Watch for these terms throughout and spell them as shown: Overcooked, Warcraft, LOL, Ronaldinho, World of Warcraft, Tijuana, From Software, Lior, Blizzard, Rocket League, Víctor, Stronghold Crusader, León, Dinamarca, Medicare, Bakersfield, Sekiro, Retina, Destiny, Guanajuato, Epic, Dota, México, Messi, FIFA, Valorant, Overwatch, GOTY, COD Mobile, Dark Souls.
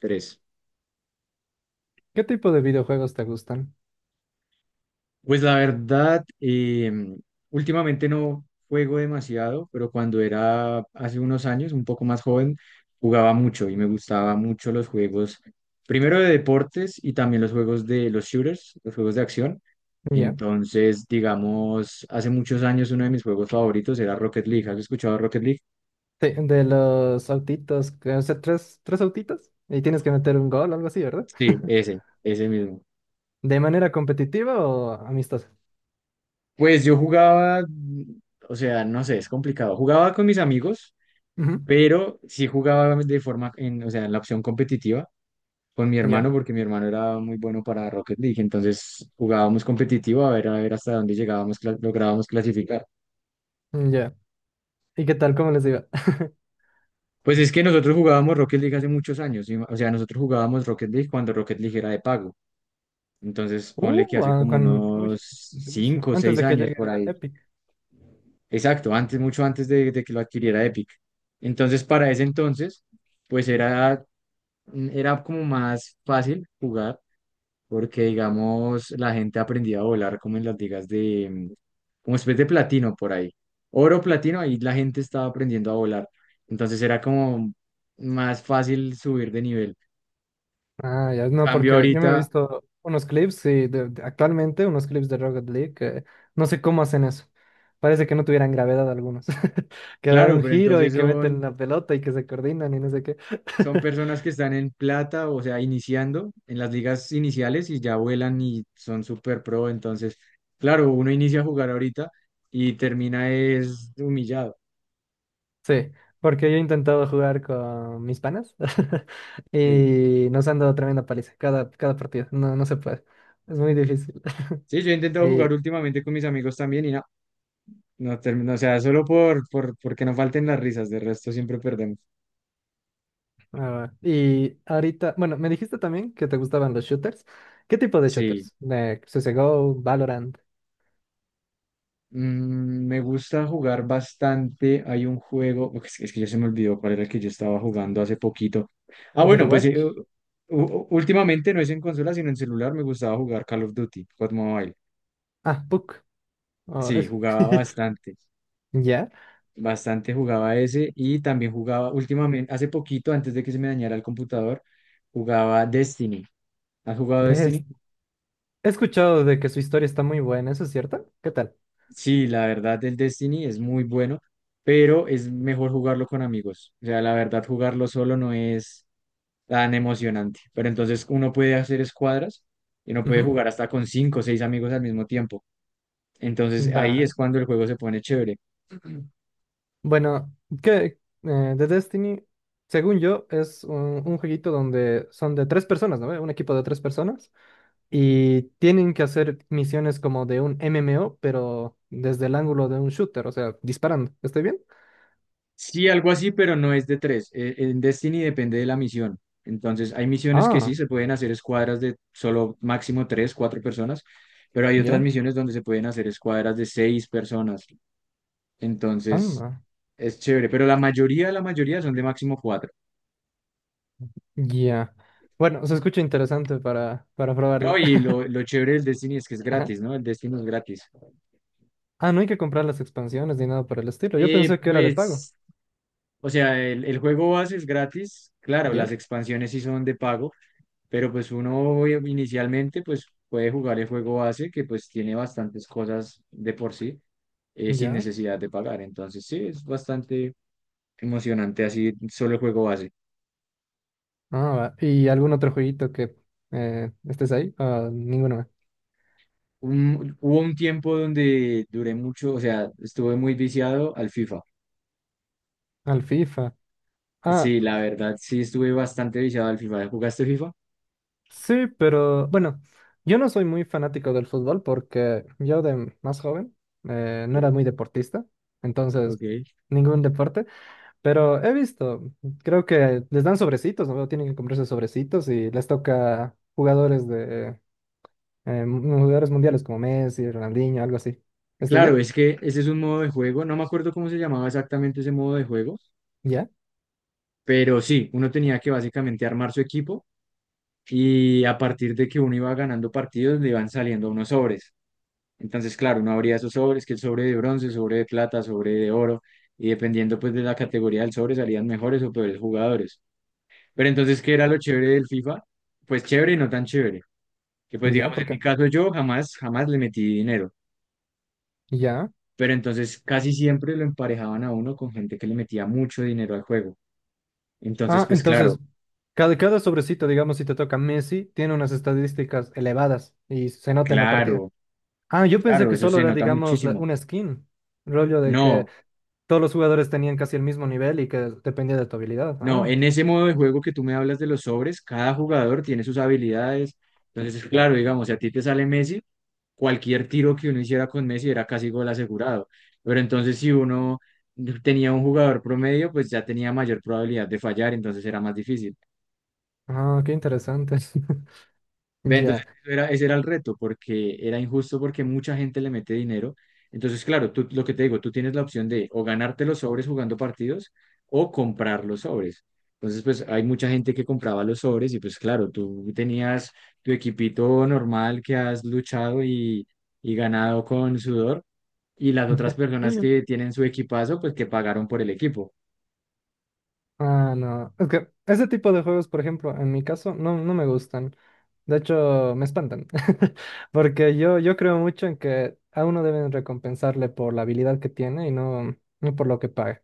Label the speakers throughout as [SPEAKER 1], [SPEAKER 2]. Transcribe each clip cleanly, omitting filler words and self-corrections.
[SPEAKER 1] Tres.
[SPEAKER 2] ¿Qué tipo de videojuegos te gustan?
[SPEAKER 1] Pues la verdad, últimamente no juego demasiado, pero cuando era hace unos años, un poco más joven, jugaba mucho y me gustaba mucho los juegos, primero de deportes y también los juegos de los shooters, los juegos de acción.
[SPEAKER 2] Ya.
[SPEAKER 1] Entonces, digamos, hace muchos años uno de mis juegos favoritos era Rocket League. ¿Has escuchado Rocket League?
[SPEAKER 2] Los autitos, o sea, tres autitos y tienes que meter un gol o algo así, ¿verdad?
[SPEAKER 1] Sí, ese mismo.
[SPEAKER 2] ¿De manera competitiva o amistosa?
[SPEAKER 1] Pues yo jugaba, o sea, no sé, es complicado. Jugaba con mis amigos,
[SPEAKER 2] Ujú.
[SPEAKER 1] pero sí jugaba de forma, o sea, en la opción competitiva con mi
[SPEAKER 2] Ya,
[SPEAKER 1] hermano, porque mi hermano era muy bueno para Rocket League, entonces jugábamos competitivo a ver hasta dónde llegábamos, lográbamos clasificar.
[SPEAKER 2] ya. ¿Y qué tal? ¿Cómo les digo?
[SPEAKER 1] Pues es que nosotros jugábamos Rocket League hace muchos años, o sea, nosotros jugábamos Rocket League cuando Rocket League era de pago, entonces ponle que hace
[SPEAKER 2] Ah,
[SPEAKER 1] como
[SPEAKER 2] con... Uy,
[SPEAKER 1] unos
[SPEAKER 2] durísimo.
[SPEAKER 1] 5 o
[SPEAKER 2] Antes
[SPEAKER 1] 6
[SPEAKER 2] de que
[SPEAKER 1] años
[SPEAKER 2] llegue
[SPEAKER 1] por
[SPEAKER 2] a
[SPEAKER 1] ahí,
[SPEAKER 2] Epic.
[SPEAKER 1] exacto, antes, mucho antes de que lo adquiriera Epic. Entonces, para ese entonces, pues era, era como más fácil jugar porque digamos la gente aprendía a volar como en las ligas de, como especie de platino por ahí, oro, platino, ahí la gente estaba aprendiendo a volar, entonces era como más fácil subir de nivel.
[SPEAKER 2] Ah, ya, no,
[SPEAKER 1] Cambio
[SPEAKER 2] porque yo me he
[SPEAKER 1] ahorita,
[SPEAKER 2] visto unos clips, sí, actualmente unos clips de Rocket League, que no sé cómo hacen eso. Parece que no tuvieran gravedad algunos. Que dan
[SPEAKER 1] claro,
[SPEAKER 2] un
[SPEAKER 1] pero
[SPEAKER 2] giro
[SPEAKER 1] entonces
[SPEAKER 2] y que meten
[SPEAKER 1] son,
[SPEAKER 2] la pelota y que se coordinan y no sé qué.
[SPEAKER 1] son personas que están en plata, o sea, iniciando en las ligas iniciales y ya vuelan y son super pro, entonces, claro, uno inicia a jugar ahorita y termina es humillado.
[SPEAKER 2] Sí, porque yo he intentado jugar con mis panas
[SPEAKER 1] Sí.
[SPEAKER 2] y nos han dado tremenda paliza cada partido. No, no se puede. Es muy difícil.
[SPEAKER 1] Sí, yo he intentado jugar últimamente con mis amigos también y nada. No termino, o sea, solo porque no falten las risas, de resto siempre perdemos.
[SPEAKER 2] Ah, y ahorita, bueno, me dijiste también que te gustaban los shooters. ¿Qué tipo de
[SPEAKER 1] Sí.
[SPEAKER 2] shooters? De CSGO, Valorant,
[SPEAKER 1] Me gusta jugar bastante. Hay un juego, ok, que es que ya se me olvidó cuál era el que yo estaba jugando hace poquito. Ah, bueno, pues
[SPEAKER 2] Overwatch.
[SPEAKER 1] últimamente no es en consola, sino en celular. Me gustaba jugar Call of Duty, COD Mobile.
[SPEAKER 2] Ah, PUC. Oh,
[SPEAKER 1] Sí,
[SPEAKER 2] eso.
[SPEAKER 1] jugaba bastante,
[SPEAKER 2] Ya.
[SPEAKER 1] bastante jugaba ese y también jugaba últimamente, hace poquito, antes de que se me dañara el computador, jugaba Destiny. ¿Has jugado
[SPEAKER 2] De es-
[SPEAKER 1] Destiny?
[SPEAKER 2] He escuchado de que su historia está muy buena, ¿eso es cierto? ¿Qué tal?
[SPEAKER 1] Sí, la verdad, el Destiny es muy bueno, pero es mejor jugarlo con amigos. O sea, la verdad, jugarlo solo no es tan emocionante. Pero entonces uno puede hacer escuadras y uno puede
[SPEAKER 2] Ujú.
[SPEAKER 1] jugar hasta con cinco o seis amigos al mismo tiempo. Entonces ahí
[SPEAKER 2] Va.
[SPEAKER 1] es cuando el juego se pone chévere.
[SPEAKER 2] Bueno, que The Destiny, según yo, es un jueguito donde son de tres personas, ¿no? Un equipo de tres personas. Y tienen que hacer misiones como de un MMO, pero desde el ángulo de un shooter, o sea, disparando. ¿Estoy bien?
[SPEAKER 1] Sí, algo así, pero no es de tres. En Destiny depende de la misión. Entonces, hay misiones que sí
[SPEAKER 2] Ah,
[SPEAKER 1] se pueden hacer escuadras de solo máximo tres, cuatro personas, pero hay otras
[SPEAKER 2] ya.
[SPEAKER 1] misiones donde se pueden hacer escuadras de seis personas. Entonces,
[SPEAKER 2] Anda.
[SPEAKER 1] Es chévere, pero la mayoría son de máximo cuatro.
[SPEAKER 2] Ya. Bueno, se escucha interesante para
[SPEAKER 1] No,
[SPEAKER 2] probarla.
[SPEAKER 1] y lo, lo chévere del Destiny es que es
[SPEAKER 2] Ajá.
[SPEAKER 1] gratis, ¿no? El Destiny es gratis.
[SPEAKER 2] Ah, no hay que comprar las expansiones ni nada por el estilo. Yo
[SPEAKER 1] Eh,
[SPEAKER 2] pensé que era de pago.
[SPEAKER 1] pues, o sea, el juego base es gratis. Claro,
[SPEAKER 2] ¿Ya?
[SPEAKER 1] las expansiones sí son de pago, pero pues uno inicialmente pues puede jugar el juego base que pues tiene bastantes cosas de por sí sin
[SPEAKER 2] ¿Ya?
[SPEAKER 1] necesidad de pagar. Entonces sí, es bastante emocionante así solo el juego base.
[SPEAKER 2] Ah, va. ¿Y algún otro jueguito que estés ahí? Ah, ninguno. Más.
[SPEAKER 1] Hubo un tiempo donde duré mucho, o sea, estuve muy viciado al FIFA.
[SPEAKER 2] Al FIFA. Ah,
[SPEAKER 1] Sí, la verdad, sí estuve bastante viciado al FIFA. ¿Jugaste FIFA?
[SPEAKER 2] sí, pero bueno, yo no soy muy fanático del fútbol porque yo de más joven no era
[SPEAKER 1] Sí.
[SPEAKER 2] muy deportista, entonces
[SPEAKER 1] Ok.
[SPEAKER 2] ningún deporte, pero he visto, creo que les dan sobrecitos, ¿no? Tienen que comprarse sobrecitos y les toca jugadores de jugadores mundiales como Messi, Ronaldinho, algo así. ¿Estoy
[SPEAKER 1] Claro,
[SPEAKER 2] bien?
[SPEAKER 1] es que ese es un modo de juego. No me acuerdo cómo se llamaba exactamente ese modo de juego,
[SPEAKER 2] ¿Ya?
[SPEAKER 1] pero sí, uno tenía que básicamente armar su equipo y a partir de que uno iba ganando partidos le iban saliendo unos sobres. Entonces, claro, uno abría esos sobres, que el sobre de bronce, sobre de plata, sobre de oro, y dependiendo pues de la categoría del sobre salían mejores o peores jugadores. Pero entonces, ¿qué era lo chévere del FIFA? Pues chévere y no tan chévere, que pues
[SPEAKER 2] ¿Ya?
[SPEAKER 1] digamos,
[SPEAKER 2] ¿Por
[SPEAKER 1] en mi
[SPEAKER 2] qué?
[SPEAKER 1] caso yo jamás, jamás le metí dinero,
[SPEAKER 2] ¿Ya?
[SPEAKER 1] pero entonces casi siempre lo emparejaban a uno con gente que le metía mucho dinero al juego. Entonces,
[SPEAKER 2] Ah,
[SPEAKER 1] pues claro,
[SPEAKER 2] entonces, cada sobrecito, digamos, si te toca Messi, tiene unas estadísticas elevadas y se nota en la partida.
[SPEAKER 1] claro,
[SPEAKER 2] Ah, yo pensé
[SPEAKER 1] claro,
[SPEAKER 2] que
[SPEAKER 1] eso
[SPEAKER 2] solo
[SPEAKER 1] se
[SPEAKER 2] era,
[SPEAKER 1] nota
[SPEAKER 2] digamos,
[SPEAKER 1] muchísimo.
[SPEAKER 2] una skin. Rollo de que
[SPEAKER 1] No,
[SPEAKER 2] todos los jugadores tenían casi el mismo nivel y que dependía de tu habilidad.
[SPEAKER 1] no,
[SPEAKER 2] Ah,
[SPEAKER 1] en ese modo de juego que tú me hablas de los sobres, cada jugador tiene sus habilidades. Entonces, claro, digamos, si a ti te sale Messi, cualquier tiro que uno hiciera con Messi era casi gol asegurado. Pero entonces si uno tenía un jugador promedio, pues ya tenía mayor probabilidad de fallar, entonces era más difícil.
[SPEAKER 2] ah, qué interesante.
[SPEAKER 1] Ve, entonces
[SPEAKER 2] Ya.
[SPEAKER 1] eso era, ese era el reto, porque era injusto porque mucha gente le mete dinero. Entonces, claro, tú, lo que te digo, tú tienes la opción de o ganarte los sobres jugando partidos o comprar los sobres. Entonces, pues hay mucha gente que compraba los sobres y pues claro, tú tenías tu equipito normal que has luchado y ganado con sudor y las otras personas que tienen su equipazo, pues que pagaron por el equipo.
[SPEAKER 2] Ah, no. Es que ese tipo de juegos, por ejemplo, en mi caso, no, no me gustan. De hecho, me espantan. Porque yo creo mucho en que a uno deben recompensarle por la habilidad que tiene y no, no por lo que paga.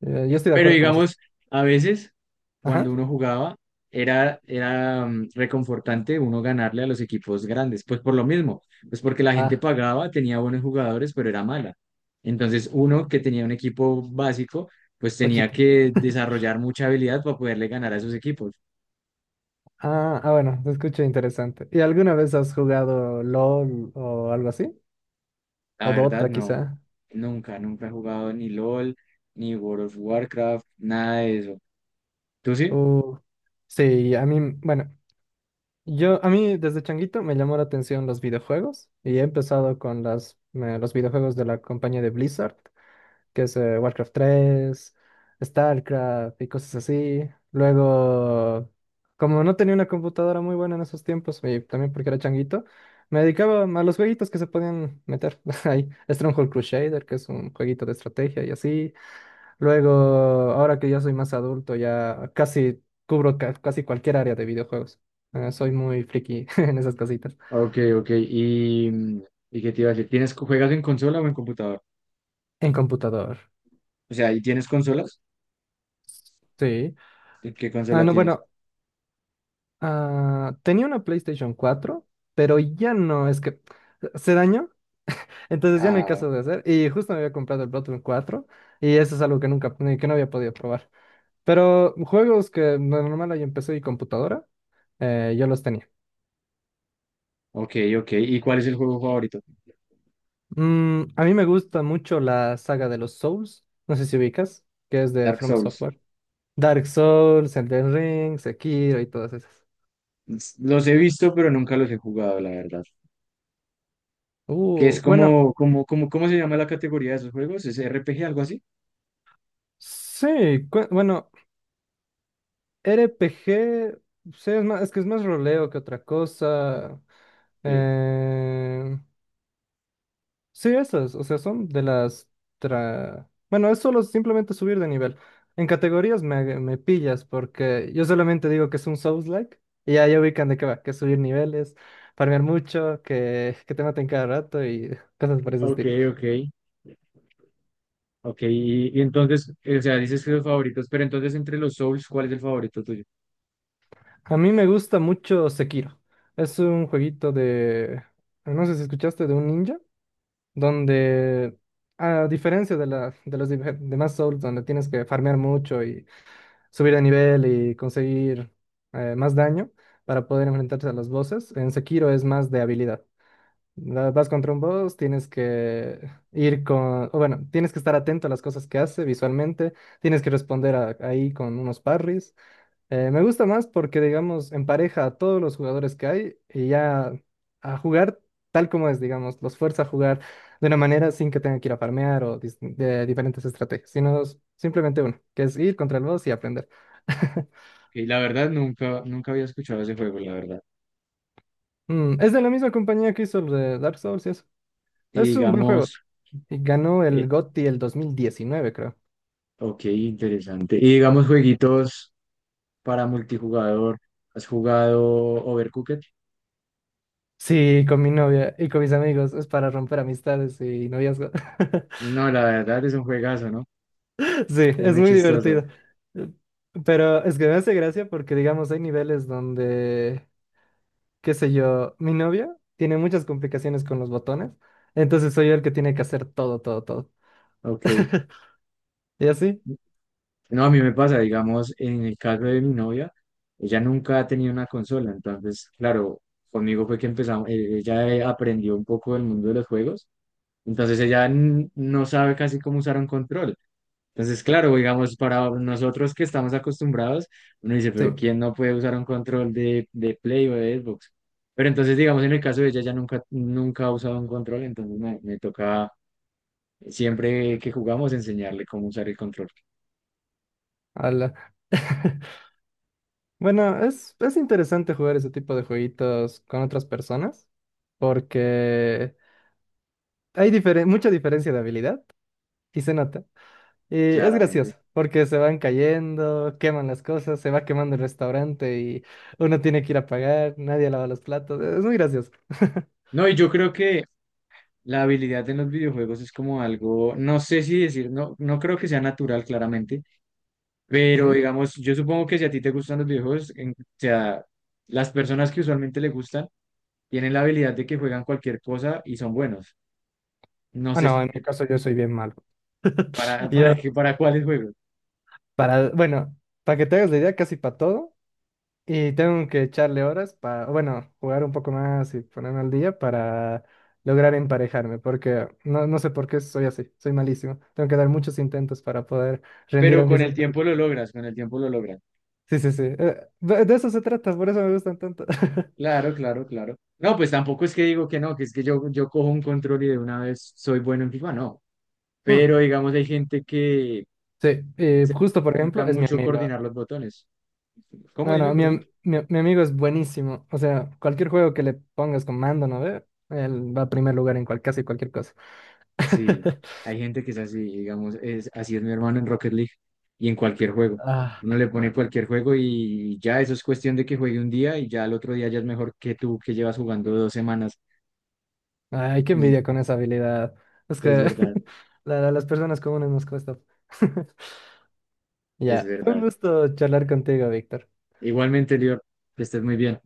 [SPEAKER 2] Yo estoy de
[SPEAKER 1] Pero
[SPEAKER 2] acuerdo con eso.
[SPEAKER 1] digamos, a veces cuando
[SPEAKER 2] Ajá.
[SPEAKER 1] uno jugaba era reconfortante uno ganarle a los equipos grandes, pues por lo mismo, pues porque la gente
[SPEAKER 2] Ah,
[SPEAKER 1] pagaba, tenía buenos jugadores, pero era mala. Entonces uno que tenía un equipo básico, pues tenía
[SPEAKER 2] ochita.
[SPEAKER 1] que desarrollar mucha habilidad para poderle ganar a esos equipos.
[SPEAKER 2] Ah, ah, bueno, se escucha interesante. ¿Y alguna vez has jugado LOL o algo así?
[SPEAKER 1] La
[SPEAKER 2] ¿O
[SPEAKER 1] verdad,
[SPEAKER 2] Dota
[SPEAKER 1] no,
[SPEAKER 2] quizá?
[SPEAKER 1] nunca, nunca he jugado ni LOL, ni World of Warcraft, nada de eso. ¿Tú sí?
[SPEAKER 2] Uh, sí, a mí, bueno, yo, a mí desde changuito me llamó la atención los videojuegos y he empezado con los videojuegos de la compañía de Blizzard, que es Warcraft 3, StarCraft y cosas así. Luego, como no tenía una computadora muy buena en esos tiempos, y también porque era changuito, me dedicaba a los jueguitos que se podían meter ahí. Stronghold Crusader, que es un jueguito de estrategia y así. Luego, ahora que ya soy más adulto, ya casi cubro casi cualquier área de videojuegos. Soy muy friki en esas casitas.
[SPEAKER 1] Ok, ok. ¿ Y qué te iba a decir? ¿Tienes, juegas en consola o en computador?
[SPEAKER 2] En computador.
[SPEAKER 1] O sea, ¿y tienes consolas?
[SPEAKER 2] Sí.
[SPEAKER 1] ¿Qué
[SPEAKER 2] Ah,
[SPEAKER 1] consola
[SPEAKER 2] no,
[SPEAKER 1] tienes?
[SPEAKER 2] bueno, ah, tenía una PlayStation 4, pero ya no, es que se dañó, entonces ya no hay
[SPEAKER 1] Ah,
[SPEAKER 2] caso de hacer. Y justo me había comprado el Bloodborne 4 y eso es algo que nunca, que no había podido probar. Pero juegos que de normal hay en PC y computadora, yo los tenía.
[SPEAKER 1] ok, ok. ¿Y cuál es el juego favorito?
[SPEAKER 2] Mm, a mí me gusta mucho la saga de los Souls, no sé si ubicas, que es de
[SPEAKER 1] Dark
[SPEAKER 2] From
[SPEAKER 1] Souls.
[SPEAKER 2] Software. Dark Souls, Elden Ring, Sekiro y todas esas.
[SPEAKER 1] Los he visto, pero nunca los he jugado, la verdad. Que es
[SPEAKER 2] Bueno,
[SPEAKER 1] como, ¿cómo se llama la categoría de esos juegos? ¿Es RPG, algo así?
[SPEAKER 2] sí, bueno, RPG, sí, es más, es que es más roleo que otra cosa.
[SPEAKER 1] Ok,
[SPEAKER 2] Eh, sí, esas, o sea, son de las... Bueno, es solo simplemente subir de nivel. En categorías me pillas porque yo solamente digo que es un Souls-like y ya ubican de qué va, que es subir niveles, farmear mucho, que te maten cada rato y cosas por ese
[SPEAKER 1] ok,
[SPEAKER 2] estilo.
[SPEAKER 1] ok. Ok, y entonces, o sea, dices que los favoritos, pero entonces entre los Souls, ¿cuál es el favorito tuyo?
[SPEAKER 2] A mí me gusta mucho Sekiro. Es un jueguito de... No sé si escuchaste de un ninja, donde, a diferencia de los demás Souls, donde tienes que farmear mucho y subir de nivel y conseguir más daño para poder enfrentarte a los bosses, en Sekiro es más de habilidad. Vas contra un boss, tienes que ir con, o bueno, tienes que estar atento a las cosas que hace visualmente, tienes que responder ahí con unos parries. Me gusta más porque, digamos, empareja a todos los jugadores que hay y ya a jugar tal como es, digamos, los fuerza a jugar de una manera sin que tengan que ir a farmear o de diferentes estrategias, sino simplemente uno, que es ir contra el boss y aprender.
[SPEAKER 1] Ok, la verdad, nunca, nunca había escuchado ese juego, la verdad.
[SPEAKER 2] Mm, es de la misma compañía que hizo el de Dark Souls y eso.
[SPEAKER 1] Y
[SPEAKER 2] Es un buen juego.
[SPEAKER 1] digamos,
[SPEAKER 2] Y ganó el
[SPEAKER 1] eh,
[SPEAKER 2] GOTY el 2019, creo.
[SPEAKER 1] ok, interesante. Y digamos, jueguitos para multijugador. ¿Has jugado Overcooked?
[SPEAKER 2] Sí, con mi novia y con mis amigos. Es para romper amistades y noviazgo.
[SPEAKER 1] No, la verdad es un juegazo, ¿no?
[SPEAKER 2] Sí,
[SPEAKER 1] Es
[SPEAKER 2] es
[SPEAKER 1] muy
[SPEAKER 2] muy
[SPEAKER 1] chistoso.
[SPEAKER 2] divertido. Eh, Pero es que me, hace gracia porque, digamos, hay niveles donde, qué sé yo, mi novia tiene muchas complicaciones con los botones, entonces soy yo el que tiene que hacer todo, todo, todo.
[SPEAKER 1] Ok.
[SPEAKER 2] ¿Y así?
[SPEAKER 1] No, a mí me pasa, digamos, en el caso de mi novia, ella nunca ha tenido una consola, entonces, claro, conmigo fue que empezamos, ella aprendió un poco del mundo de los juegos, entonces ella no sabe casi cómo usar un control. Entonces, claro, digamos, para nosotros que estamos acostumbrados, uno dice, pero
[SPEAKER 2] Sí,
[SPEAKER 1] ¿quién no puede usar un control de Play o de Xbox? Pero entonces, digamos, en el caso de ella, ya nunca, nunca ha usado un control, entonces me toca siempre que jugamos enseñarle cómo usar el control,
[SPEAKER 2] ala. Bueno, es interesante jugar ese tipo de jueguitos con otras personas porque hay mucha diferencia de habilidad y se nota. Y es
[SPEAKER 1] claramente.
[SPEAKER 2] gracioso, porque se van cayendo, queman las cosas, se va quemando el restaurante y uno tiene que ir a pagar, nadie lava los platos. Es muy gracioso.
[SPEAKER 1] No, y yo creo que la habilidad en los videojuegos es como algo, no sé si decir, no, no creo que sea natural, claramente, pero
[SPEAKER 2] Ujú.
[SPEAKER 1] digamos, yo supongo que si a ti te gustan los videojuegos, o sea, las personas que usualmente le gustan, tienen la habilidad de que juegan cualquier cosa y son buenos. No
[SPEAKER 2] Ah,
[SPEAKER 1] sé
[SPEAKER 2] no,
[SPEAKER 1] si
[SPEAKER 2] en mi caso yo soy bien malo. Yo,
[SPEAKER 1] para qué, para cuáles juegos.
[SPEAKER 2] para, bueno, para que te hagas la idea, casi para todo. Y tengo que echarle horas para, bueno, jugar un poco más y ponerme al día para lograr emparejarme, porque no, no sé por qué soy así, soy malísimo. Tengo que dar muchos intentos para poder rendir,
[SPEAKER 1] Pero
[SPEAKER 2] aunque
[SPEAKER 1] con
[SPEAKER 2] sea
[SPEAKER 1] el
[SPEAKER 2] un poquito.
[SPEAKER 1] tiempo lo logras, con el tiempo lo logras.
[SPEAKER 2] Sí, sí, sí. De eso se trata, por eso me gustan tanto.
[SPEAKER 1] Claro, claro, claro. No, pues tampoco es que digo que no, que es que yo cojo un control y de una vez soy bueno en FIFA, no. Pero digamos, hay gente que
[SPEAKER 2] Sí,
[SPEAKER 1] se le
[SPEAKER 2] justo por
[SPEAKER 1] dificulta
[SPEAKER 2] ejemplo, es mi
[SPEAKER 1] mucho
[SPEAKER 2] amigo.
[SPEAKER 1] coordinar los botones. ¿Cómo?
[SPEAKER 2] No,
[SPEAKER 1] Dime,
[SPEAKER 2] no, mi,
[SPEAKER 1] perdón.
[SPEAKER 2] am- mi, mi amigo es buenísimo. O sea, cualquier juego que le pongas con mando, ¿no ve? Él va a primer lugar en casi cualquier cosa.
[SPEAKER 1] Sí, hay gente que es así, digamos, es, así es mi hermano en Rocket League y en cualquier juego.
[SPEAKER 2] Ah,
[SPEAKER 1] Uno le pone cualquier juego y ya eso es cuestión de que juegue un día y ya al otro día ya es mejor que tú que llevas jugando dos semanas.
[SPEAKER 2] ay, qué
[SPEAKER 1] Y
[SPEAKER 2] envidia con esa habilidad. Es
[SPEAKER 1] es
[SPEAKER 2] que
[SPEAKER 1] verdad,
[SPEAKER 2] las personas comunes nos cuesta.
[SPEAKER 1] es
[SPEAKER 2] Ya, fue un
[SPEAKER 1] verdad.
[SPEAKER 2] gusto charlar contigo, Víctor.
[SPEAKER 1] Igualmente, Lior, que estés muy bien.